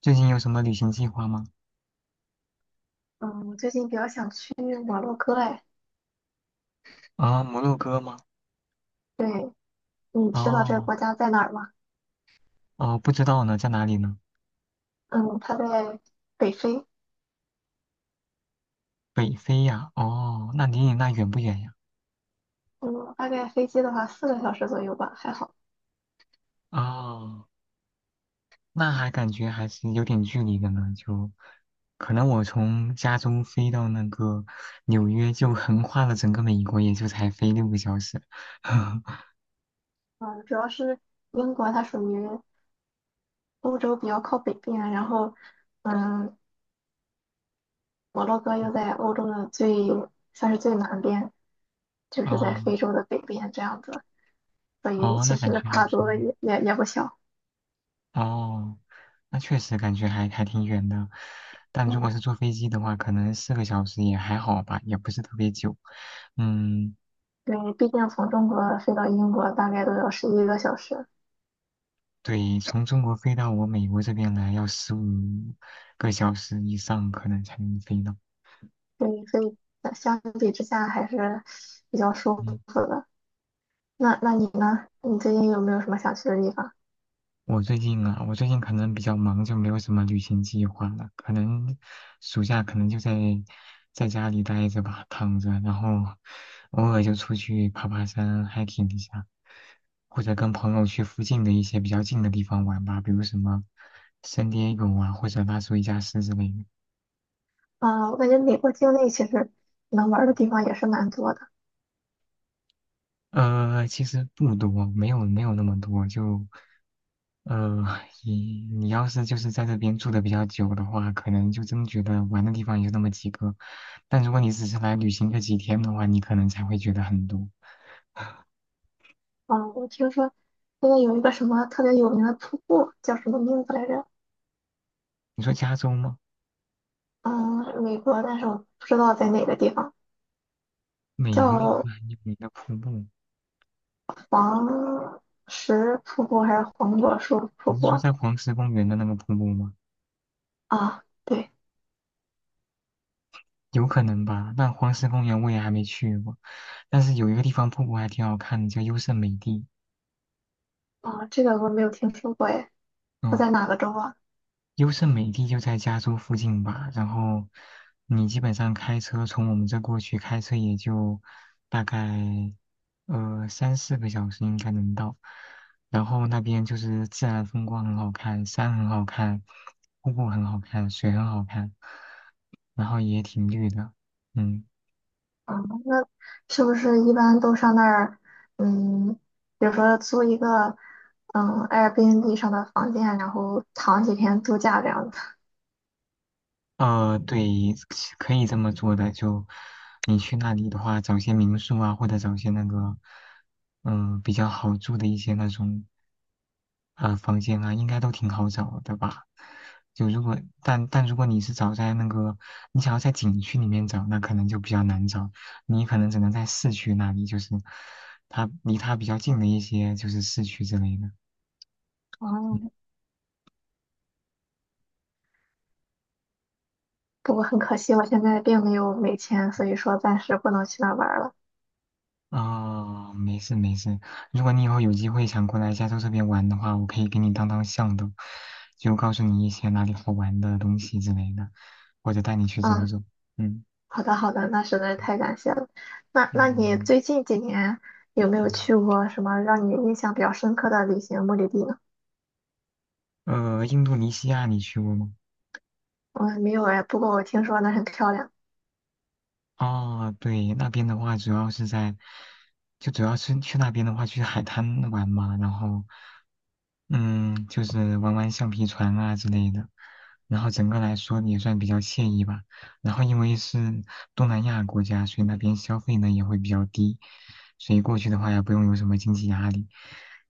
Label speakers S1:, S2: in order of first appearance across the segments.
S1: 最近有什么旅行计划吗？
S2: 嗯，我最近比较想去摩洛哥哎。
S1: 啊，摩洛哥吗？
S2: 对，你知道这个
S1: 哦，
S2: 国家在哪儿吗？
S1: 哦,不知道呢，在哪里呢？
S2: 嗯，它在北非。
S1: 北非呀？哦，那离你那远不远呀？
S2: 嗯，大概飞机的话4个小时左右吧，还好。
S1: 哦，那还感觉还是有点距离的呢，就可能我从加州飞到那个纽约，就横跨了整个美国，也就才飞6个小时。
S2: 嗯，主要是英国它属于欧洲比较靠北边，然后嗯，摩洛哥又在欧洲的最算是最南边，就是在非
S1: 哦，
S2: 洲的北边这样子，所以
S1: 哦,
S2: 其
S1: 那感
S2: 实
S1: 觉还
S2: 跨
S1: 挺
S2: 度
S1: 远。
S2: 也不小。
S1: 哦。那确实感觉还挺远的，但
S2: 嗯，
S1: 如果是坐飞机的话，可能四个小时也还好吧，也不是特别久。嗯，
S2: 对，毕竟从中国飞到英国大概都要11个小时。
S1: 对，从中国飞到我美国这边来要15个小时以上，可能才能飞到。
S2: 对，所以相比之下还是比较舒
S1: 嗯，
S2: 服的。那你呢？你最近有没有什么想去的地方？
S1: 我最近啊，我最近可能比较忙，就没有什么旅行计划了。可能暑假可能就在家里待着吧，躺着，然后偶尔就出去爬爬山，hiking 一下，或者跟朋友去附近的一些比较近的地方玩吧，比如什么圣地亚哥啊，或者拉出一家斯之类的。
S2: 啊、我感觉美国境内其实能玩儿的地方也是蛮多的。
S1: 呃，其实不多，没有那么多，就呃，你你要是就是在这边住的比较久的话，可能就真觉得玩的地方也就那么几个。但如果你只是来旅行个几天的话，你可能才会觉得很多。
S2: 啊、我听说那边有一个什么特别有名的瀑布，叫什么名字来着？
S1: 你说加州吗？
S2: 嗯，美国，但是我不知道在哪个地方，
S1: 美国有
S2: 叫
S1: 个很有名的瀑布，
S2: 黄石瀑布还是黄果树瀑
S1: 你是
S2: 布
S1: 说在黄石公园的那个瀑布吗？
S2: 啊？对，
S1: 有可能吧。但黄石公园我也还没去过，但是有一个地方瀑布还挺好看的，叫优胜美地。
S2: 啊，这个我没有听说过哎，它
S1: 嗯。
S2: 在哪个州啊？
S1: 优胜美地就在加州附近吧，然后你基本上开车从我们这过去，开车也就大概3、4个小时应该能到。然后那边就是自然风光很好看，山很好看，瀑布很好看，水很好看，然后也挺绿的，嗯。
S2: 啊，那是不是一般都上那儿，嗯，比如说租一个，嗯，Airbnb 上的房间，然后躺几天度假这样子？
S1: 呃，对，可以这么做的。就你去那里的话，找些民宿啊，或者找些那个，嗯、比较好住的一些那种啊、房间啊，应该都挺好找的吧？就如果但如果你是找在那个，你想要在景区里面找，那可能就比较难找，你可能只能在市区那里，就是它离它比较近的一些就是市区之类的。
S2: 哦，
S1: 嗯，
S2: 不过很可惜，我现在并没有美签，所以说暂时不能去那儿玩儿了。
S1: 啊、没事没事。如果你以后有机会想过来加州这边玩的话，我可以给你当向导，就告诉你一些哪里好玩的东西之类的，或者带你去走
S2: 嗯，
S1: 走。嗯，
S2: 好的好的，那实在太感谢了。那你
S1: 嗯，
S2: 最近几年有没有
S1: 嗯。
S2: 去过什么让你印象比较深刻的旅行目的地呢？
S1: 印度尼西亚你去过吗？
S2: 我没有哎，不过我听说那很漂亮。
S1: 啊，对，那边的话主要是在，就主要是去那边的话去海滩玩嘛，然后。嗯，就是玩玩橡皮船啊之类的，然后整个来说也算比较惬意吧。然后因为是东南亚国家，所以那边消费呢也会比较低，所以过去的话也不用有什么经济压力。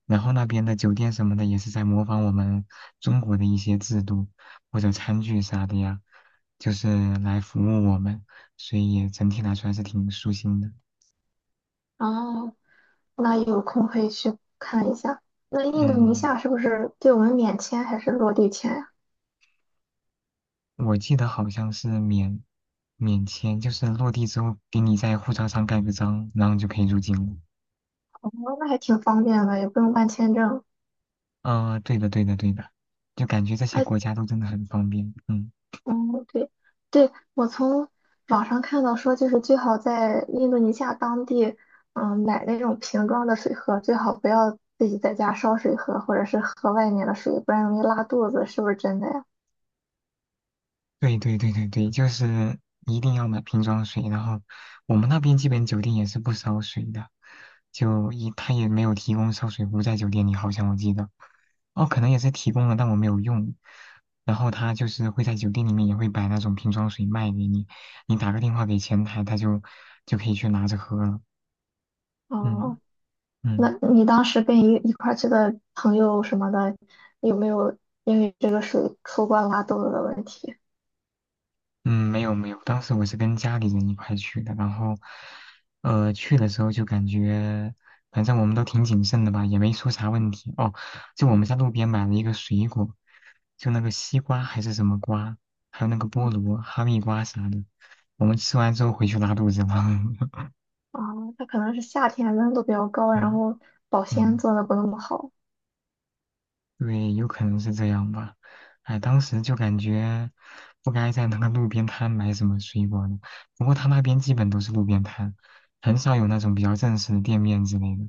S1: 然后那边的酒店什么的也是在模仿我们中国的一些制度或者餐具啥的呀，就是来服务我们，所以整体来说还是挺舒心的。
S2: 哦，那有空可以去看一下。那印度尼西
S1: 嗯。
S2: 亚是不是对我们免签还是落地签呀？
S1: 我记得好像是免签，就是落地之后给你在护照上盖个章，然后就可以入境了。
S2: 哦，那还挺方便的，也不用办签证。
S1: 啊、对的，对的，对的，就感觉这些
S2: 哎，
S1: 国家都真的很方便。嗯。
S2: 嗯，对，对，我从网上看到说，就是最好在印度尼西亚当地，买那种瓶装的水喝，最好不要自己在家烧水喝，或者是喝外面的水，不然容易拉肚子，是不是真的呀？
S1: 对对对对对，就是一定要买瓶装水，然后我们那边基本酒店也是不烧水的，就一他也没有提供烧水壶在酒店里，好像我记得，哦，可能也是提供了，但我没有用。然后他就是会在酒店里面也会摆那种瓶装水卖给你，你打个电话给前台，他就可以去拿着喝了。嗯，
S2: 哦，那
S1: 嗯。
S2: 你当时跟一块儿去的朋友什么的，有没有因为这个水出过拉肚子的问题？
S1: 嗯，没有没有，当时我是跟家里人一块去的，然后，去的时候就感觉，反正我们都挺谨慎的吧，也没出啥问题。哦，就我们在路边买了一个水果，就那个西瓜还是什么瓜，还有那个
S2: 啊，
S1: 菠萝、哈密瓜啥的，我们吃完之后回去拉肚子了。
S2: 啊他可能是夏天温度比较高，然
S1: 嗯，
S2: 后保鲜
S1: 嗯。
S2: 做的不那么好。
S1: 对，有可能是这样吧。哎，当时就感觉不该在那个路边摊买什么水果呢。不过他那边基本都是路边摊，很少有那种比较正式的店面之类的。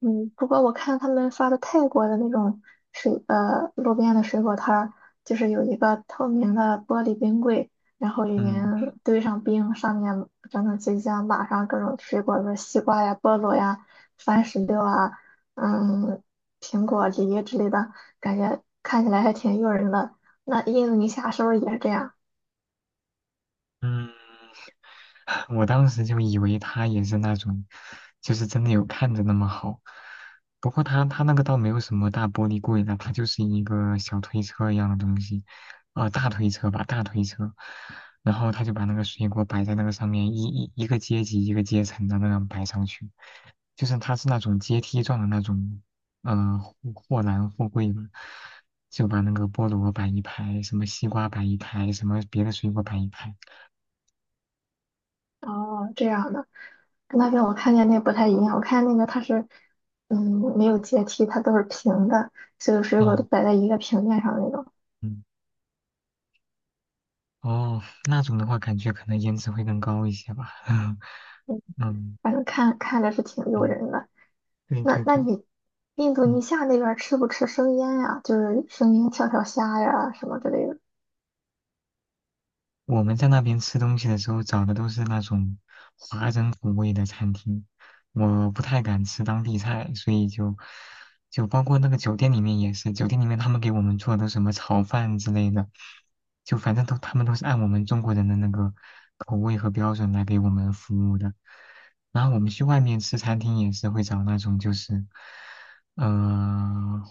S2: 嗯，不过我看他们发的泰国的那种水，路边的水果摊儿，就是有一个透明的玻璃冰柜，然后里面
S1: 嗯，
S2: 堆上冰，上面整整齐齐地码上各种水果，比如西瓜呀、菠萝呀、番石榴啊，嗯，苹果、梨之类的，感觉看起来还挺诱人的。那印度尼西亚是不是也是这样？
S1: 嗯，我当时就以为他也是那种，就是真的有看着那么好。不过他那个倒没有什么大玻璃柜的，它就是一个小推车一样的东西，呃，大推车吧，大推车。然后他就把那个水果摆在那个上面，一个阶级一个阶层的那样摆上去，就是他是那种阶梯状的那种，呃，货柜嘛，就把那个菠萝摆一排，什么西瓜摆一排，什么别的水果摆一排。
S2: 哦，这样的。那边我看见那不太一样，我看那个它是，嗯，没有阶梯，它都是平的，所有水果都
S1: 哦，
S2: 摆在一个平面上的那种，
S1: 嗯。哦，那种的话，感觉可能颜值会更高一些吧。
S2: 嗯，
S1: 嗯，
S2: 反正看着是挺诱
S1: 嗯，
S2: 人的。
S1: 对
S2: 那
S1: 对
S2: 那
S1: 对，
S2: 你印度
S1: 嗯。
S2: 尼西亚那边儿吃不吃生腌呀？就是生腌跳跳虾呀什么之类的。
S1: 我们在那边吃东西的时候找的都是那种华人口味的餐厅，我不太敢吃当地菜，所以就包括那个酒店里面也是，酒店里面他们给我们做的什么炒饭之类的，就反正他们都是按我们中国人的那个口味和标准来给我们服务的。然后我们去外面吃餐厅也是会找那种就是呃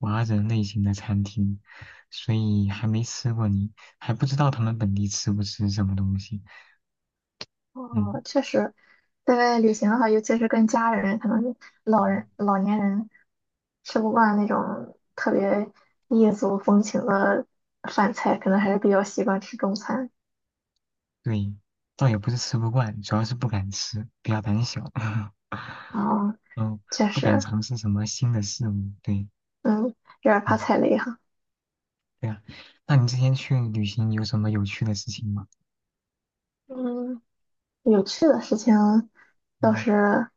S1: 华人类型的餐厅，所以还没吃过你。还不知道他们本地吃不吃什么东西。嗯，
S2: 哦，确实，在外旅行的话，尤其是跟家人，可能是老
S1: 嗯，
S2: 人老年人吃不惯那种特别异族风情的饭菜，可能还是比较习惯吃中餐。
S1: 对，倒也不是吃不惯，主要是不敢吃，比较胆小。
S2: 啊，
S1: 嗯，
S2: 确
S1: 不敢
S2: 实，
S1: 尝试什么新的事物。对，
S2: 嗯，有点怕
S1: 嗯，
S2: 踩雷哈。
S1: 对呀。那你之前去旅行有什么有趣的事情吗？
S2: 嗯，有趣的事情倒
S1: 嗯，
S2: 是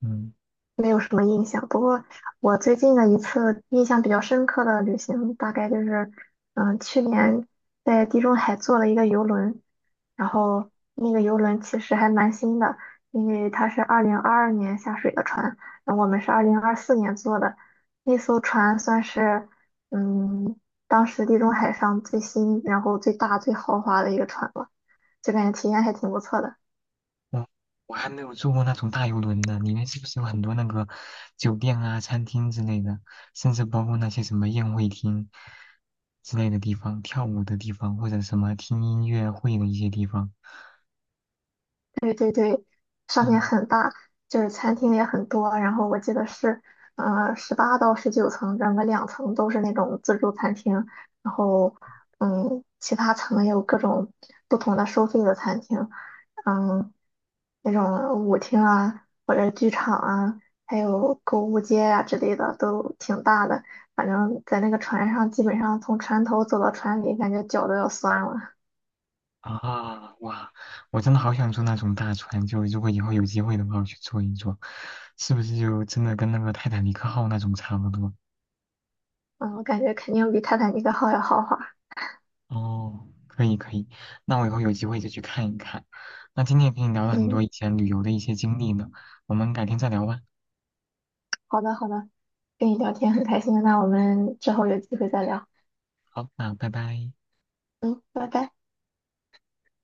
S1: 嗯，
S2: 没有什么印象。不过我最近的一次印象比较深刻的旅行，大概就是，去年在地中海坐了一个游轮，然后那个游轮其实还蛮新的，因为它是2022年下水的船，然后我们是2024年坐的，那艘船算是，嗯，当时地中海上最新，然后最大、最豪华的一个船了，就感觉体验还挺不错的。
S1: 我我还没有坐过那种大游轮呢，里面是不是有很多那个酒店啊、餐厅之类的，甚至包括那些什么宴会厅之类的地方、跳舞的地方，或者什么听音乐会的一些地方？
S2: 对对对，上面
S1: 嗯，
S2: 很大，就是餐厅也很多。然后我记得是，18-19层，整个2层都是那种自助餐厅，然后，其他层也有各种不同的收费的餐厅，嗯，那种舞厅啊，或者剧场啊，还有购物街啊之类的，都挺大的。反正，在那个船上，基本上从船头走到船尾，感觉脚都要酸了。
S1: 啊，哇！我真的好想坐那种大船，就如果以后有机会的话，我去坐一坐，是不是就真的跟那个泰坦尼克号那种差不多？
S2: 嗯，我感觉肯定比泰坦尼克号要豪华。
S1: 哦，可以可以，那我以后有机会就去看一看。那今天也跟你聊了很
S2: 嗯。
S1: 多以前旅游的一些经历呢，我们改天再聊吧。
S2: 好的，好的，跟你聊天很开心，那我们之后有机会再聊。
S1: 好，那拜拜。
S2: 嗯，拜拜。